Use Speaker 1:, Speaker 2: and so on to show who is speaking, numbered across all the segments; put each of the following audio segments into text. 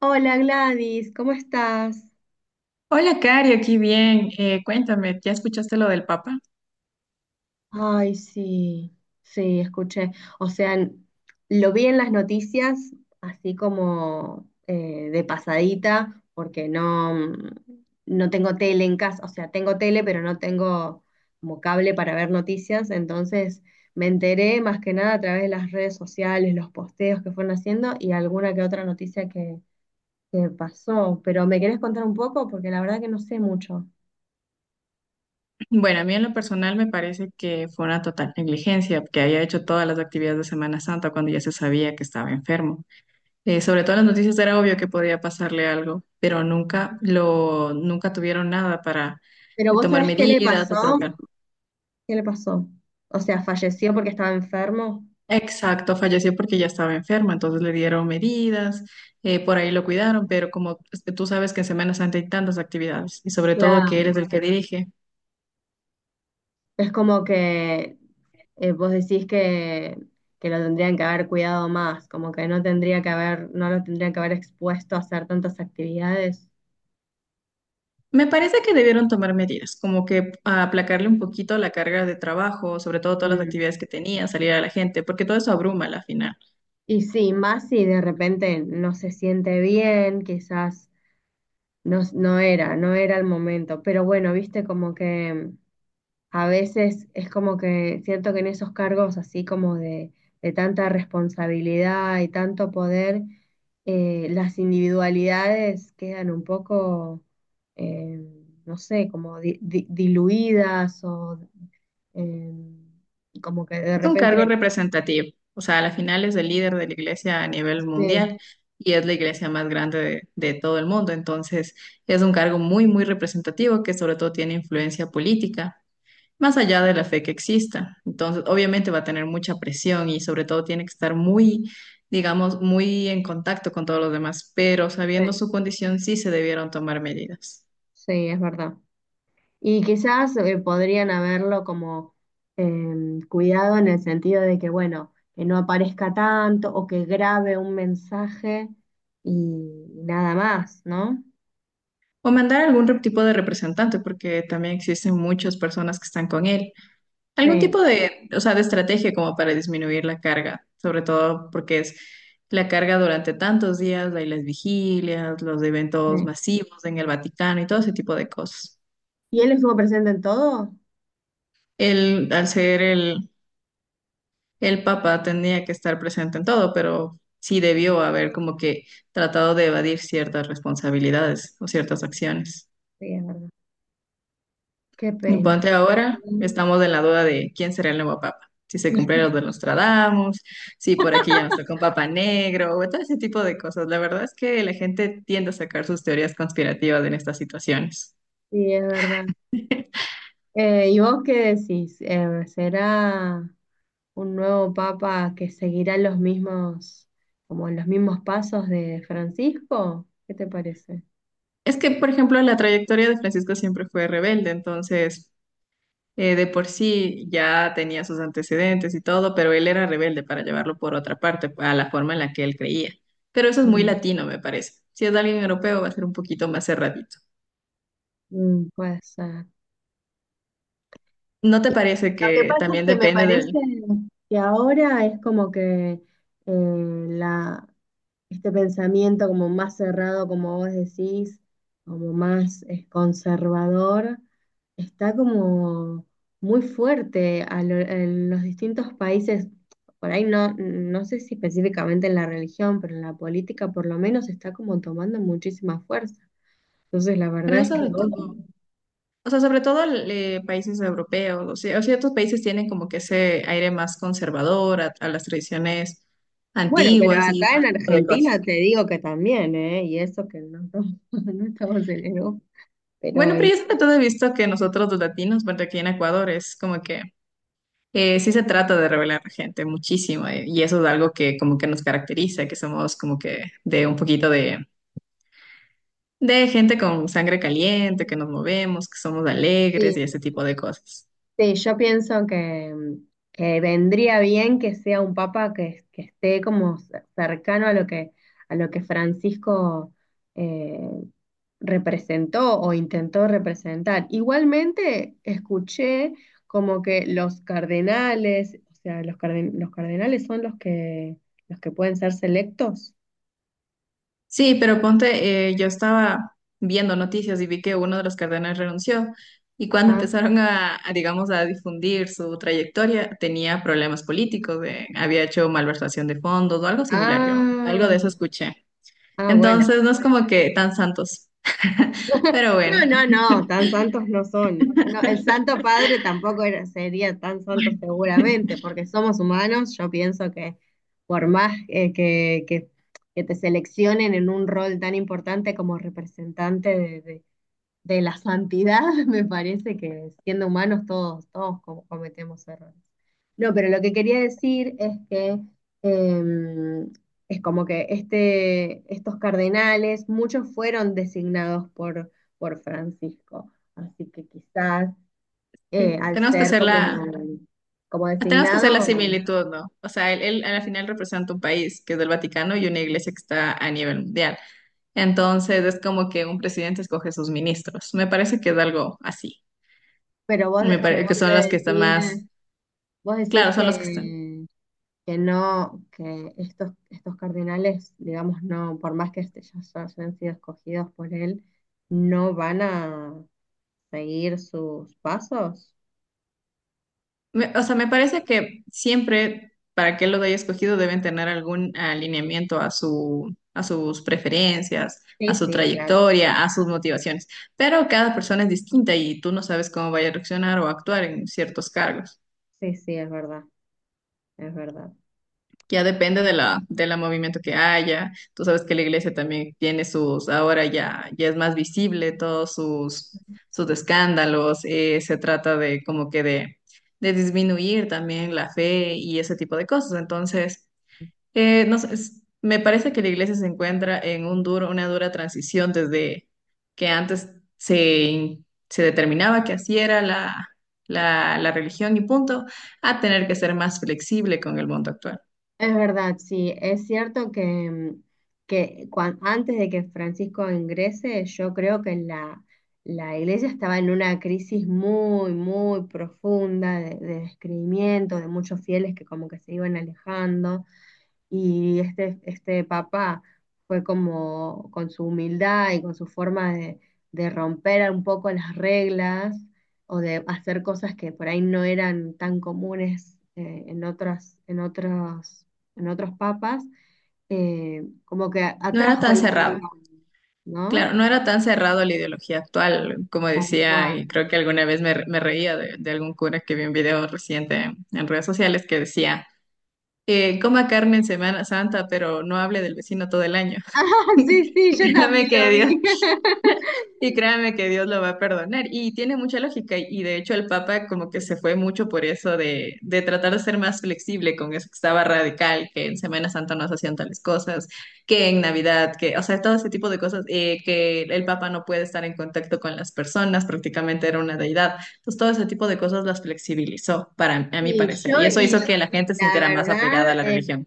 Speaker 1: Hola Gladys, ¿cómo estás?
Speaker 2: Hola, Cari, aquí bien. Cuéntame, ¿ya escuchaste lo del Papa?
Speaker 1: Ay, sí, sí, escuché. O sea, lo vi en las noticias, así como de pasadita, porque no, no tengo tele en casa. O sea, tengo tele, pero no tengo como cable para ver noticias. Entonces me enteré más que nada a través de las redes sociales, los posteos que fueron haciendo y alguna que otra que pasó. Pero ¿me querés contar un poco? Porque la verdad que no sé mucho.
Speaker 2: Bueno, a mí en lo personal me parece que fue una total negligencia, que haya hecho todas las actividades de Semana Santa cuando ya se sabía que estaba enfermo. Sobre todo en las noticias era obvio que podía pasarle algo, pero nunca tuvieron nada para
Speaker 1: Pero vos
Speaker 2: tomar
Speaker 1: sabés qué le
Speaker 2: medidas o
Speaker 1: pasó.
Speaker 2: provocar.
Speaker 1: ¿Qué le pasó? O sea, falleció porque estaba enfermo.
Speaker 2: Exacto, falleció porque ya estaba enfermo, entonces le dieron medidas, por ahí lo cuidaron, pero como tú sabes que en Semana Santa hay tantas actividades y sobre todo que eres
Speaker 1: Claro.
Speaker 2: el que dirige.
Speaker 1: Es como que vos que lo tendrían que haber cuidado más, como que no tendría que haber, no lo tendrían que haber expuesto a hacer tantas actividades.
Speaker 2: Me parece que debieron tomar medidas, como que aplacarle un poquito la carga de trabajo, sobre todo todas las
Speaker 1: Mm.
Speaker 2: actividades que tenía, salir a la gente, porque todo eso abruma a la final.
Speaker 1: Y sí, más si de repente no se siente bien, quizás no, no era el momento. Pero bueno, viste como que a veces es como que siento que en esos cargos así como de tanta responsabilidad y tanto poder, las individualidades quedan un poco, eh, no sé, como diluidas o eh, como que de
Speaker 2: Es un cargo
Speaker 1: repente...
Speaker 2: representativo, o sea, a la final es el líder de la iglesia a nivel
Speaker 1: Sí,
Speaker 2: mundial y es la iglesia más grande de todo el mundo, entonces es un cargo muy, muy representativo que sobre todo tiene influencia política, más allá de la fe que exista. Entonces, obviamente va a tener mucha presión y sobre todo tiene que estar muy, digamos, muy en contacto con todos los demás, pero sabiendo
Speaker 1: sí,
Speaker 2: su condición sí se debieron tomar medidas.
Speaker 1: sí, es verdad. Y quizás podrían haberlo como cuidado en el sentido de que, bueno, que no aparezca tanto o que grabe un mensaje y nada más, ¿no?
Speaker 2: O mandar algún tipo de representante, porque también existen muchas personas que están con él. Algún
Speaker 1: Sí,
Speaker 2: tipo de, o sea, de estrategia como para disminuir la carga, sobre todo porque es la carga durante tantos días, hay las vigilias, los eventos
Speaker 1: sí.
Speaker 2: masivos en el Vaticano y todo ese tipo de cosas.
Speaker 1: ¿Y él estuvo presente en todo?
Speaker 2: El, al ser el, El Papa tenía que estar presente en todo, pero sí debió haber como que tratado de evadir ciertas responsabilidades o ciertas acciones.
Speaker 1: Sí, es verdad. Qué
Speaker 2: Y
Speaker 1: pena.
Speaker 2: ponte
Speaker 1: La
Speaker 2: ahora,
Speaker 1: verdad.
Speaker 2: estamos en la duda de quién será el nuevo Papa. Si se cumplieron los de Nostradamus, si por aquí ya nos tocó un Papa negro, o todo ese tipo de cosas. La verdad es que la gente tiende a sacar sus teorías conspirativas en estas situaciones.
Speaker 1: Sí, es verdad. ¿Y vos qué decís? ¿Será un nuevo papa que seguirá los mismos, como los mismos pasos de Francisco? ¿Qué te parece?
Speaker 2: Es que, por ejemplo, la trayectoria de Francisco siempre fue rebelde, entonces de por sí ya tenía sus antecedentes y todo, pero él era rebelde para llevarlo por otra parte, a la forma en la que él creía. Pero eso es muy latino, me parece. Si es de alguien europeo, va a ser un poquito más cerradito.
Speaker 1: Mm, puede ser.
Speaker 2: ¿No te parece
Speaker 1: Lo que
Speaker 2: que
Speaker 1: pasa es
Speaker 2: también
Speaker 1: que me
Speaker 2: depende
Speaker 1: parece
Speaker 2: del...
Speaker 1: que ahora es como que eh, la, este pensamiento como más cerrado, como vos decís, como más conservador, está como muy fuerte a en los distintos países. Por ahí no, no sé si específicamente en la religión, pero en la política por lo menos está como tomando muchísima fuerza. Entonces la
Speaker 2: Pero
Speaker 1: verdad
Speaker 2: es
Speaker 1: es que
Speaker 2: sobre
Speaker 1: vos
Speaker 2: todo, o sea, sobre todo países europeos, o sea, ciertos países tienen como que ese aire más conservador a las tradiciones
Speaker 1: bueno, pero
Speaker 2: antiguas y ese
Speaker 1: acá en
Speaker 2: tipo de cosas.
Speaker 1: Argentina te digo que también, ¿eh? Y eso que no, no estamos en Europa.
Speaker 2: Bueno,
Speaker 1: Pero
Speaker 2: pero yo sobre todo he visto que nosotros los latinos, bueno, aquí en Ecuador es como que sí se trata de revelar gente muchísimo, y eso es algo que como que nos caracteriza, que somos como que de un poquito de gente con sangre caliente, que nos movemos, que somos alegres
Speaker 1: sí,
Speaker 2: y ese tipo de cosas.
Speaker 1: sí, yo pienso que vendría bien que sea un papa que esté como cercano a lo que Francisco eh, representó o intentó representar. Igualmente escuché como que los cardenales, o sea, los, los cardenales son los que pueden ser selectos.
Speaker 2: Sí, pero ponte, yo estaba viendo noticias y vi que uno de los cardenales renunció y cuando empezaron digamos, a difundir su trayectoria tenía problemas políticos, había hecho malversación de fondos o algo similar, yo algo
Speaker 1: Ah,
Speaker 2: de eso escuché.
Speaker 1: ah, bueno.
Speaker 2: Entonces no es como que tan santos. Pero bueno,
Speaker 1: No, no, no, tan santos no son. No, el Santo Padre tampoco era- sería tan santo seguramente, porque somos humanos. Yo pienso que por más que te seleccionen en un rol tan importante como representante de la santidad, me parece que siendo humanos todos, todos como cometemos errores. No, pero lo que quería decir es que eh, es como que estos cardenales, muchos fueron designados por Francisco, así que quizás
Speaker 2: sí,
Speaker 1: al ser como, como
Speaker 2: tenemos que hacer la
Speaker 1: designado,
Speaker 2: similitud, ¿no? O sea, él al final representa un país que es del Vaticano y una iglesia que está a nivel mundial. Entonces es como que un presidente escoge sus ministros. Me parece que es algo así.
Speaker 1: pero vos,
Speaker 2: Me parece
Speaker 1: pero
Speaker 2: que
Speaker 1: quiero
Speaker 2: son los que están
Speaker 1: decir,
Speaker 2: más,
Speaker 1: vos decís
Speaker 2: claro, son los que están.
Speaker 1: que no, que estos cardenales, digamos, no, por más que ya se hayan sido escogidos por él, no van a seguir sus pasos.
Speaker 2: O sea, me parece que siempre, para que lo haya escogido, deben tener algún alineamiento a sus preferencias, a
Speaker 1: Sí,
Speaker 2: su
Speaker 1: sí, claro.
Speaker 2: trayectoria, a sus motivaciones. Pero cada persona es distinta y tú no sabes cómo vaya a reaccionar o actuar en ciertos cargos.
Speaker 1: Sí, sí, es verdad, es verdad.
Speaker 2: Ya depende de la movimiento que haya. Tú sabes que la iglesia también tiene sus, ahora ya es más visible todos sus escándalos. Se trata de como que de disminuir también la fe y ese tipo de cosas. Entonces, no sé, me parece que la iglesia se encuentra en un duro, una dura transición desde que antes se, se determinaba que así era la religión y punto, a tener que ser más flexible con el mundo actual.
Speaker 1: Es verdad, sí, es cierto que, que antes de que Francisco ingrese, yo creo que la iglesia estaba en una crisis muy, muy profunda de descreimiento, de muchos fieles que como que se iban alejando. Y este papá fue como con su humildad y con su forma de romper un poco las reglas o de hacer cosas que por ahí no eran tan comunes en en en otros papas, como que
Speaker 2: No era
Speaker 1: atrajo
Speaker 2: tan
Speaker 1: la
Speaker 2: cerrado,
Speaker 1: admiración, ¿no?
Speaker 2: claro, no era tan cerrado la ideología actual, como decía,
Speaker 1: Guau.
Speaker 2: y creo que alguna vez me reía de algún cura que vi un video reciente en redes sociales que decía, coma carne en Semana Santa, pero no hable del vecino todo el año.
Speaker 1: Ah, sí, sí, yo
Speaker 2: Y créame
Speaker 1: también
Speaker 2: que
Speaker 1: lo vi.
Speaker 2: Dios, y créame que Dios lo va a perdonar. Y tiene mucha lógica. Y de hecho el Papa como que se fue mucho por eso de tratar de ser más flexible con eso que estaba radical, que en Semana Santa no se hacían tales cosas, que en Navidad, que, o sea, todo ese tipo de cosas, que el Papa no puede estar en contacto con las personas, prácticamente era una deidad. Entonces todo ese tipo de cosas las flexibilizó, para, a mi
Speaker 1: Y
Speaker 2: parecer.
Speaker 1: yo,
Speaker 2: Y eso
Speaker 1: y
Speaker 2: hizo que la gente se
Speaker 1: la
Speaker 2: sintiera más apegada a
Speaker 1: verdad,
Speaker 2: la religión.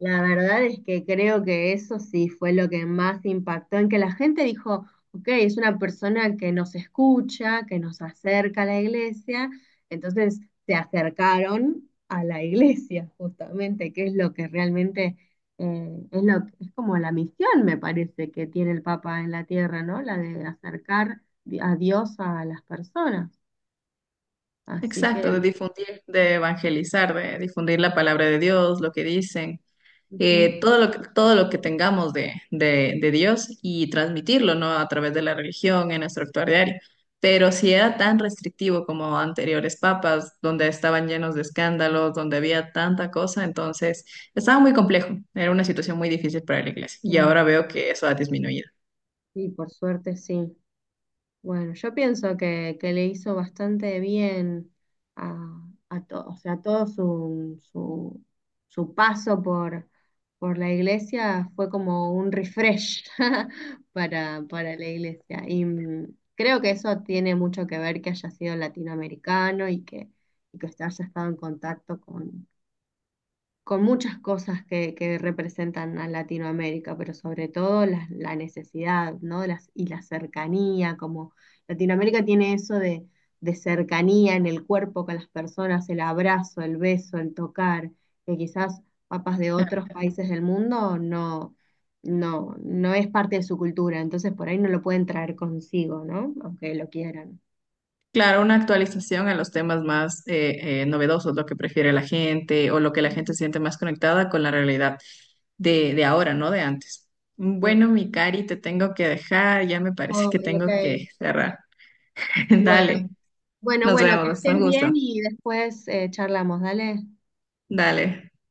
Speaker 1: la verdad es que creo que eso sí fue lo que más impactó, en que la gente dijo, ok, es una persona que nos escucha, que nos acerca a la iglesia, entonces se acercaron a la iglesia justamente, que es lo que realmente eh, es lo, es como la misión, me parece, que tiene el Papa en la tierra, ¿no? La de acercar a Dios a las personas. Así
Speaker 2: Exacto,
Speaker 1: que,
Speaker 2: de difundir, de evangelizar, de difundir la palabra de Dios, lo que dicen,
Speaker 1: ujú,
Speaker 2: todo lo que tengamos de Dios y transmitirlo, ¿no? A través de la religión en nuestro actuar diario. Pero si era tan restrictivo como anteriores papas, donde estaban llenos de escándalos, donde había tanta cosa, entonces estaba muy complejo, era una situación muy difícil para la iglesia y ahora
Speaker 1: eh,
Speaker 2: veo que eso ha disminuido.
Speaker 1: sí, por suerte sí. Bueno, yo pienso que le hizo bastante bien a todo, o sea, su paso por la iglesia fue como un refresh para la iglesia. Y creo que eso tiene mucho que ver que haya sido latinoamericano y y que haya estado en contacto con muchas cosas que representan a Latinoamérica, pero sobre todo la necesidad, ¿no? Las, y la cercanía, como Latinoamérica tiene eso de cercanía en el cuerpo con las personas, el abrazo, el beso, el tocar, que quizás papas de otros países del mundo no, no, no es parte de su cultura, entonces por ahí no lo pueden traer consigo, ¿no? Aunque lo quieran.
Speaker 2: Claro, una actualización a los temas más novedosos, lo que prefiere la gente o lo que la gente siente más conectada con la realidad de ahora, no de antes.
Speaker 1: Sí.
Speaker 2: Bueno, mi Cari, te tengo que dejar, ya me parece que
Speaker 1: Ay, ok.
Speaker 2: tengo que cerrar.
Speaker 1: Bueno,
Speaker 2: Dale,
Speaker 1: bueno,
Speaker 2: nos
Speaker 1: bueno, que
Speaker 2: vemos, un
Speaker 1: estés bien
Speaker 2: gusto.
Speaker 1: y después charlamos, dale.
Speaker 2: Dale.